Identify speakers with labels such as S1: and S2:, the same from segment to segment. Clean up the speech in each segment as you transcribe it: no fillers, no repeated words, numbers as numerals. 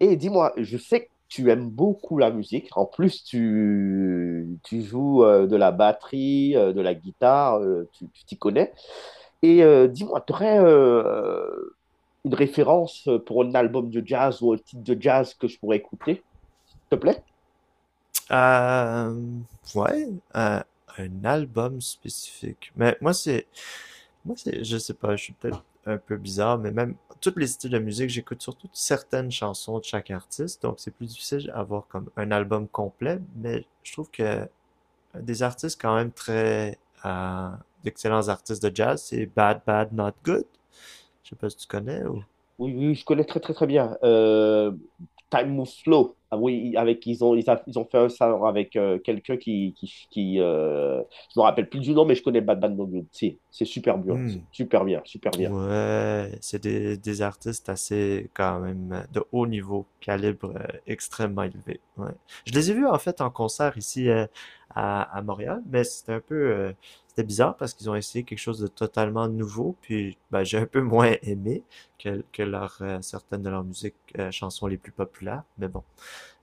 S1: Et dis-moi, je sais que tu aimes beaucoup la musique. En plus, tu joues de la batterie, de la guitare, tu t'y connais. Et dis-moi, tu aurais une référence pour un album de jazz ou un titre de jazz que je pourrais écouter, s'il te plaît?
S2: Euh, ouais, euh, un album spécifique. Mais moi, c'est, je sais pas, je suis peut-être un peu bizarre, mais même tous les styles de musique, j'écoute surtout certaines chansons de chaque artiste, donc c'est plus difficile d'avoir comme un album complet, mais je trouve que des artistes quand même très, euh, d'excellents artistes de jazz, c'est Bad Bad Not Good. Je sais pas si tu connais ou.
S1: Oui, oui, je connais très, très, très bien. Time Moves Slow. Ah oui, avec, ils ont, ils a- ils ont fait un salon avec quelqu'un qui je me rappelle plus du nom, mais je connais Bad Bad Bad Bad. C'est super bien,
S2: Hmm.
S1: c'est super bien, super bien.
S2: Ouais, c'est des artistes assez, quand même, de haut niveau, calibre extrêmement élevé. Ouais. Je les ai vus, en fait, en concert ici, à Montréal, mais c'était un peu, c'était bizarre parce qu'ils ont essayé quelque chose de totalement nouveau, puis ben, j'ai un peu moins aimé que leur, certaines de leurs musiques, chansons les plus populaires, mais bon.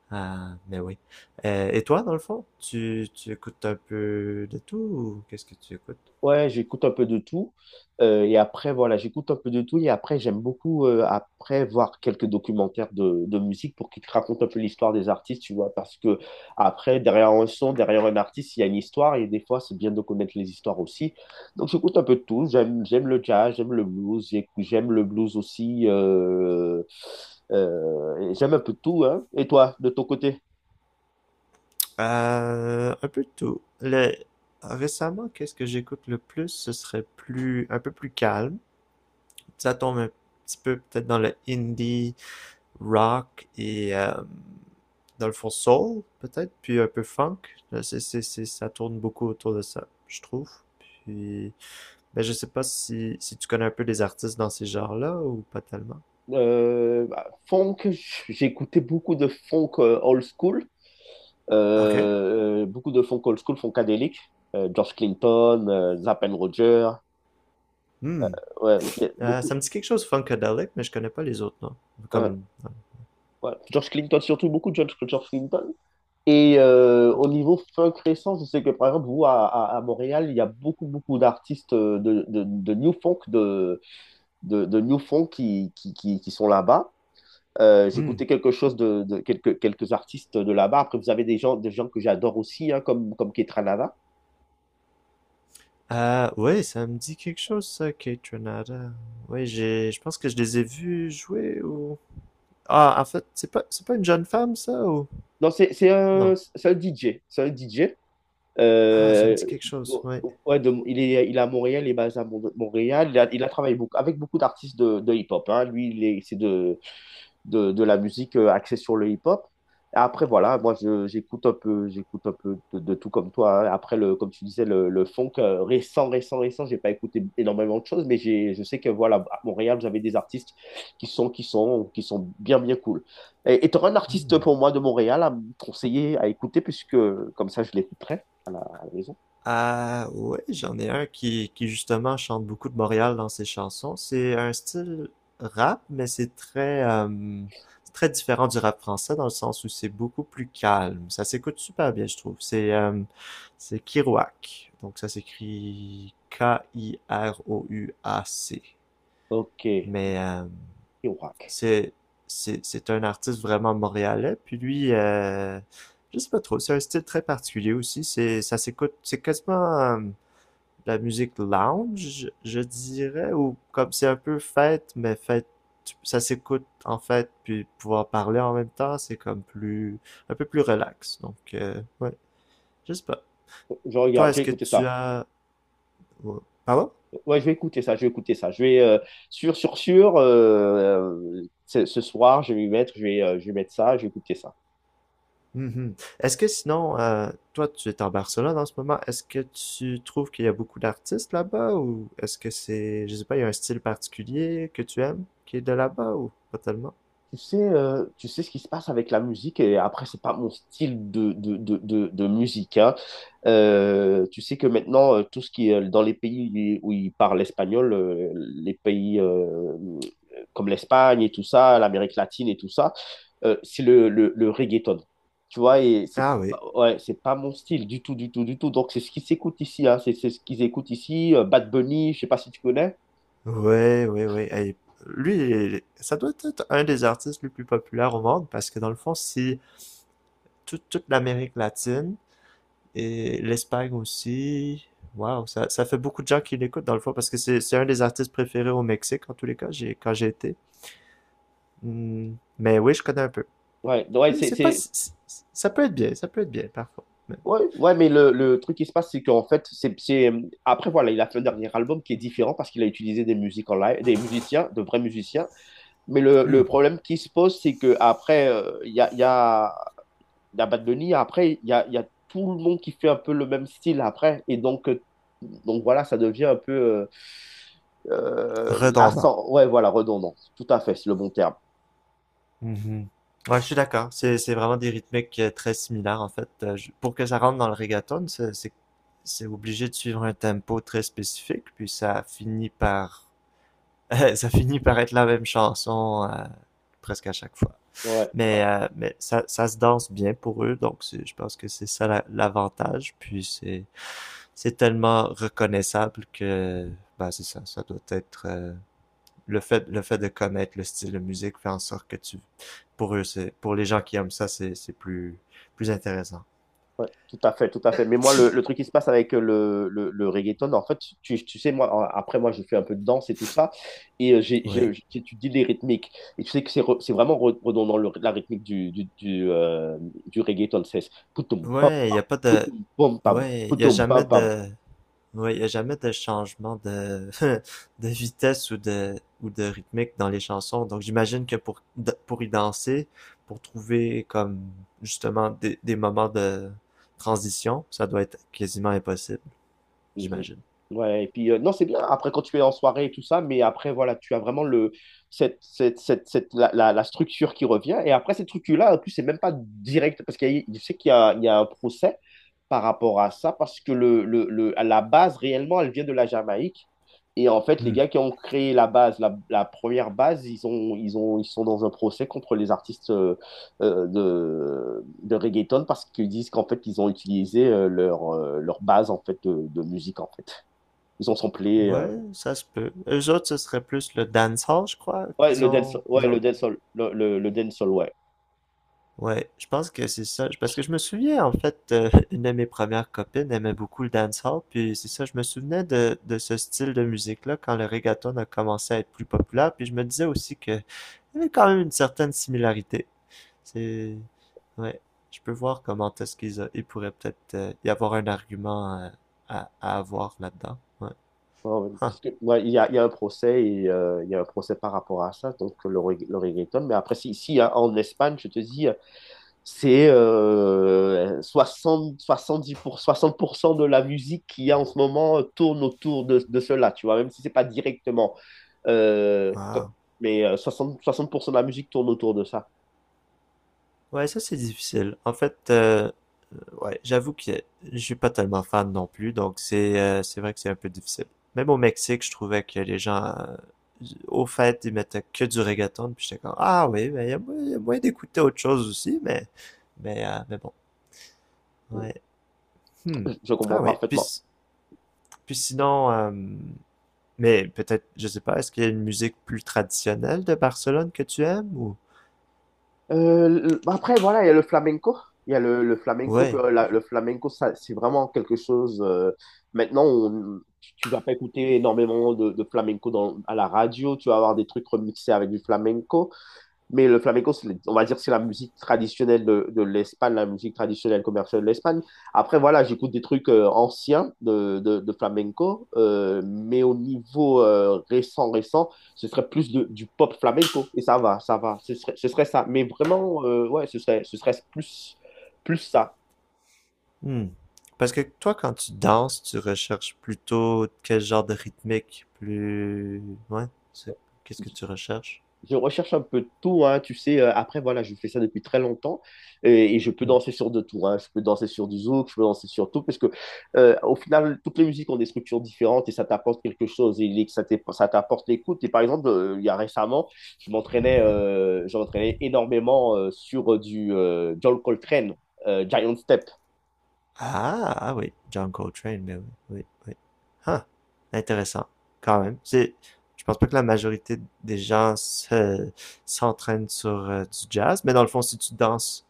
S2: Ah, mais oui. Et toi, dans le fond, tu écoutes un peu de tout ou qu'est-ce que tu écoutes?
S1: Ouais, j'écoute un peu de tout. Et après, voilà, j'écoute un peu de tout. Et après, j'aime beaucoup, après, voir quelques documentaires de musique pour qu'ils te racontent un peu l'histoire des artistes, tu vois. Parce que, après, derrière un son, derrière un artiste, il y a une histoire. Et des fois, c'est bien de connaître les histoires aussi. Donc, j'écoute un peu de tout. J'aime le jazz, j'aime le blues. J'aime le blues aussi. Et j'aime un peu de tout, hein. Et toi, de ton côté?
S2: Un peu de tout. Le... Récemment, qu'est-ce que j'écoute le plus? Ce serait plus un peu plus calme. Ça tombe un petit peu peut-être dans le indie rock et dans le fond soul peut-être, puis un peu funk. C'est, ça tourne beaucoup autour de ça, je trouve. Puis, ben je sais pas si, si tu connais un peu des artistes dans ces genres-là ou pas tellement.
S1: Bah, funk, j'écoutais beaucoup de funk old school.
S2: Ok.
S1: Beaucoup de funk old school, funkadélique. George Clinton, Zapp and Roger.
S2: Hmm.
S1: Ouais, y a
S2: Ça
S1: beaucoup.
S2: me dit quelque chose funkadelic, mais je connais pas les autres noms.
S1: Hein,
S2: Comme. Ouais.
S1: ouais. George Clinton, surtout beaucoup de George Clinton. Et au niveau funk récent, je sais que par exemple, vous, à Montréal, il y a beaucoup, beaucoup d'artistes de New Funk, de New Funk qui qui sont là-bas.
S2: Hmm.
S1: J'écoutais quelque chose de quelques artistes de là-bas. Après, vous avez des gens que j'adore aussi, hein, comme Ketranada.
S2: Ah oui, ça me dit quelque chose ça, Kate Renata. Oui, j'ai, je pense que je les ai vus jouer ou. Ah, en fait, c'est pas une jeune femme ça ou
S1: Non, c'est un,
S2: non?
S1: c'est un DJ. C'est un DJ.
S2: Ah, ça me
S1: Euh,
S2: dit quelque chose, ouais.
S1: ouais, il est à Montréal, il est basé à Montréal. Il a travaillé beaucoup, avec beaucoup d'artistes de hip-hop. Hein. Lui, il est, c'est de la musique axée sur le hip-hop. Et après, voilà, moi, j'écoute un peu de tout comme toi. Hein. Après, le, comme tu disais, le funk euh, récent, j'ai pas écouté énormément de choses, mais je sais que, voilà, à Montréal, vous avez des artistes qui sont bien, bien cool. Et tu auras un artiste
S2: Hmm.
S1: pour moi de Montréal à me conseiller, à écouter, puisque comme ça, je l'écouterai à la maison.
S2: Ah ouais, j'en ai un qui justement chante beaucoup de Montréal dans ses chansons. C'est un style rap, mais c'est très, c'est très différent du rap français dans le sens où c'est beaucoup plus calme. Ça s'écoute super bien, je trouve. C'est Kirouac. Donc ça s'écrit K-I-R-O-U-A-C.
S1: Ok,
S2: Mais
S1: Irak.
S2: c'est c'est un artiste vraiment montréalais. Puis lui, je sais pas trop. C'est un style très particulier aussi. C'est ça s'écoute. C'est quasiment la musique lounge, je dirais, ou comme c'est un peu fête, mais fête, ça s'écoute en fait, puis pouvoir parler en même temps, c'est comme plus, un peu plus relax. Donc, ouais, je sais pas.
S1: Je
S2: Toi,
S1: regarde, j'ai
S2: est-ce que
S1: écouté
S2: tu
S1: ça.
S2: as... ouais. Pardon?
S1: Ouais, je vais écouter ça. Je vais, sûr, sûr, sûr, ce soir, je vais m'y mettre, je vais mettre ça, je vais écouter ça.
S2: Mhm. Est-ce que sinon, toi, tu es en Barcelone en ce moment, est-ce que tu trouves qu'il y a beaucoup d'artistes là-bas, ou est-ce que c'est, je sais pas, il y a un style particulier que tu aimes qui est de là-bas, ou pas tellement?
S1: Tu sais ce qui se passe avec la musique, et après, c'est pas mon style de musique, hein. Tu sais que maintenant, tout ce qui est dans les pays où ils parlent espagnol, les pays comme l'Espagne et tout ça, l'Amérique latine et tout ça, c'est le reggaeton. Tu vois, et c'est
S2: Ah oui.
S1: pas, ouais, c'est pas mon style du tout, du tout, du tout. Donc, c'est ce qui s'écoute ici, hein. C'est ce qu'ils écoutent ici, Bad Bunny, je sais pas si tu connais.
S2: Ouais, ouais, ouais. Hey, lui, ça doit être un des artistes les plus populaires au monde parce que dans le fond, si toute l'Amérique latine et l'Espagne aussi, waouh, ça fait beaucoup de gens qui l'écoutent dans le fond parce que c'est un des artistes préférés au Mexique en tous les cas, j'ai, quand j'ai été. Hmm, mais oui, je connais un peu.
S1: Ouais, ouais,
S2: Et
S1: c'est,
S2: c'est pas,
S1: c'est,
S2: ça peut être bien, ça peut être bien parfois. Mais
S1: Ouais, ouais, mais le truc qui se passe, c'est qu'en fait, c'est... Après, voilà, il a fait un dernier album qui est différent parce qu'il a utilisé des musiques en live, des musiciens, de vrais musiciens. Mais le problème qui se pose, c'est que qu'après, il y a, il y a, il y a Bad Bunny, après, il y a tout le monde qui fait un peu le même style après. Et donc voilà, ça devient un peu...
S2: redondant.
S1: lassant. Ouais, voilà, redondant. Tout à fait, c'est le bon terme.
S2: Mhm. Ouais, je suis d'accord. C'est vraiment des rythmiques très similaires, en fait. Pour que ça rentre dans le reggaeton, c'est obligé de suivre un tempo très spécifique, puis ça finit par, ça finit par être la même chanson, presque à chaque fois.
S1: Ouais.
S2: Mais ça, ça se danse bien pour eux, donc je pense que c'est ça l'avantage. Puis c'est tellement reconnaissable que, bah, c'est ça, ça doit être le fait de connaître le style de musique fait en sorte que tu, pour eux, c'est, pour les gens qui aiment ça, c'est plus, plus intéressant.
S1: Ouais, tout à fait, tout à fait. Mais moi, le truc qui se passe avec le reggaeton, en fait, tu sais, moi, après, moi, j'ai fait un peu de danse et tout ça, et
S2: Ouais.
S1: j'étudie les rythmiques. Et tu sais que c'est c'est vraiment redondant, la rythmique du reggaeton, c'est poutoum, pam,
S2: Ouais, y a pas de,
S1: poutoum, pom, pam,
S2: ouais, y a
S1: poutoum,
S2: jamais
S1: pam, pam.
S2: de, ouais, y a jamais de changement de, de vitesse ou de rythmique dans les chansons. Donc, j'imagine que pour y danser, pour trouver comme, justement, des moments de transition, ça doit être quasiment impossible,
S1: Mhm.
S2: j'imagine.
S1: Ouais, et puis, non, c'est bien, après, quand tu es en soirée et tout ça, mais après, voilà, tu as vraiment le, la structure qui revient, et après, cette structure-là, en plus, c'est même pas direct, parce qu'je sais qu'il y a un procès, par rapport à ça parce que à la base, réellement, elle vient de la Jamaïque. Et en fait, les
S2: Hmm.
S1: gars qui ont créé la base, la première base, ils sont dans un procès contre les artistes de reggaeton parce qu'ils disent qu'en fait, ils ont utilisé leur, leur base en fait, de musique, en fait. Ils ont samplé...
S2: Ouais, ça se peut. Eux autres, ce serait plus le dancehall, je crois,
S1: Ouais,
S2: qu'ils ont, ils
S1: le
S2: ont.
S1: dancehall, le dancehall, ouais.
S2: Ouais, je pense que c'est ça. Parce que je me souviens, en fait, une de mes premières copines aimait beaucoup le dancehall, puis c'est ça, je me souvenais de ce style de musique-là quand le reggaeton a commencé à être plus populaire, puis je me disais aussi que il y avait quand même une certaine similarité. C'est, ouais, je peux voir comment est-ce qu'ils a... il pourrait peut-être y avoir un argument à avoir là-dedans. Ouais.
S1: Ouais, ouais.
S2: Huh.
S1: Parce que, ouais, il y a un procès et il y a un procès par rapport à ça, donc le reggaeton. Mais après, si, si hein, en Espagne, je te dis, c'est soixante 60% de la musique qu'il y a en ce moment tourne autour de cela, tu vois, même si c'est pas directement. euh, co-
S2: Wow.
S1: mais 60, 60% de la musique tourne autour de ça.
S2: Ouais, ça c'est difficile. En fait, ouais, j'avoue que je suis pas tellement fan non plus, donc c'est vrai que c'est un peu difficile. Même au Mexique, je trouvais que les gens, au fait, ils mettaient que du reggaeton, puis j'étais comme, ah oui, mais il y a, il y a moyen d'écouter autre chose aussi, mais bon,
S1: Je
S2: ouais. Hmm.
S1: je comprends
S2: Ah oui,
S1: parfaitement.
S2: puis sinon, mais peut-être, je sais pas, est-ce qu'il y a une musique plus traditionnelle de Barcelone que tu aimes ou?
S1: Le- après, voilà, il y a le flamenco. Il y a le flamenco.
S2: Ouais.
S1: Le flamenco, ça, c'est vraiment quelque chose. Maintenant, tu vas pas écouter énormément de flamenco dans, à la radio. Tu vas avoir des trucs remixés avec du flamenco. Mais le flamenco, on va dire, c'est la musique traditionnelle de l'Espagne, la musique traditionnelle commerciale de l'Espagne. Après, voilà, j'écoute des trucs anciens de flamenco, mais au niveau euh, récent, ce serait du pop flamenco. Et ça va, ce serait ça. Mais vraiment, ouais, ce serait plus ça.
S2: Hmm. Parce que toi, quand tu danses, tu recherches plutôt quel genre de rythmique, plus... Ouais, c'est- qu'est-ce que tu recherches?
S1: Je recherche un peu de tout, hein, tu sais. Après, voilà, je fais ça depuis très longtemps et je peux
S2: Hmm.
S1: danser sur de tout. Hein. Je peux danser sur du zouk, je peux danser sur tout parce que, au final, toutes les musiques ont des structures différentes et ça t'apporte quelque chose et ça t'apporte l'écoute. Et par exemple, il y a récemment, je m'entraînais énormément sur du John Coltrane, Giant Step.
S2: Ah, ah oui, John Coltrane, mais oui, oui, oui. Ah, intéressant, quand même. C'est, je pense pas que la majorité des gens se, s'entraînent sur du jazz, mais dans le fond, si tu danses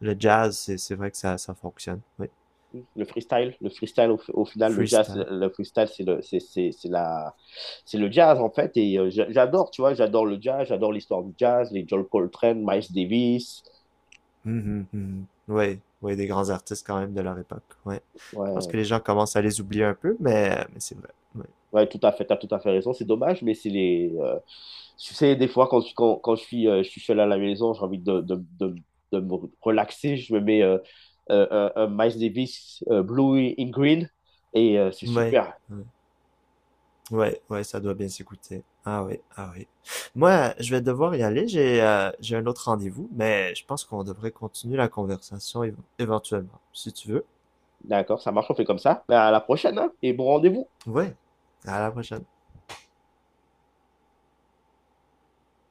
S2: le jazz, c'est vrai que ça fonctionne, oui.
S1: Le freestyle, au final, le jazz,
S2: Freestyle.
S1: le freestyle, c'est le, c'est la, c'est le jazz en fait. Et j'adore, tu vois, j'adore le jazz, j'adore l'histoire du jazz, les John Coltrane, Miles Davis.
S2: Mhm, mhm. Ouais, ouais, des grands artistes quand même de leur époque. Ouais. Je pense
S1: Ouais,
S2: que les gens commencent à les oublier un peu, mais c'est vrai. Ouais.
S1: ouais, tout à fait, t'as tout à fait raison. C'est dommage, mais c'est les, tu sais, des fois quand je suis seul à la maison, j'ai envie de me relaxer, je me mets un Miles Davis, Blue in Green, et c'est
S2: Ouais.
S1: super.
S2: Ouais, ouais, ouais, ça doit bien s'écouter. Ah oui, ah oui. Moi, je vais devoir y aller. J'ai un autre rendez-vous, mais je pense qu'on devrait continuer la conversation éventuellement, si tu veux.
S1: D'accord, ça marche, on fait comme ça. Ben, à la prochaine, hein, et bon rendez-vous.
S2: Ouais. À la prochaine.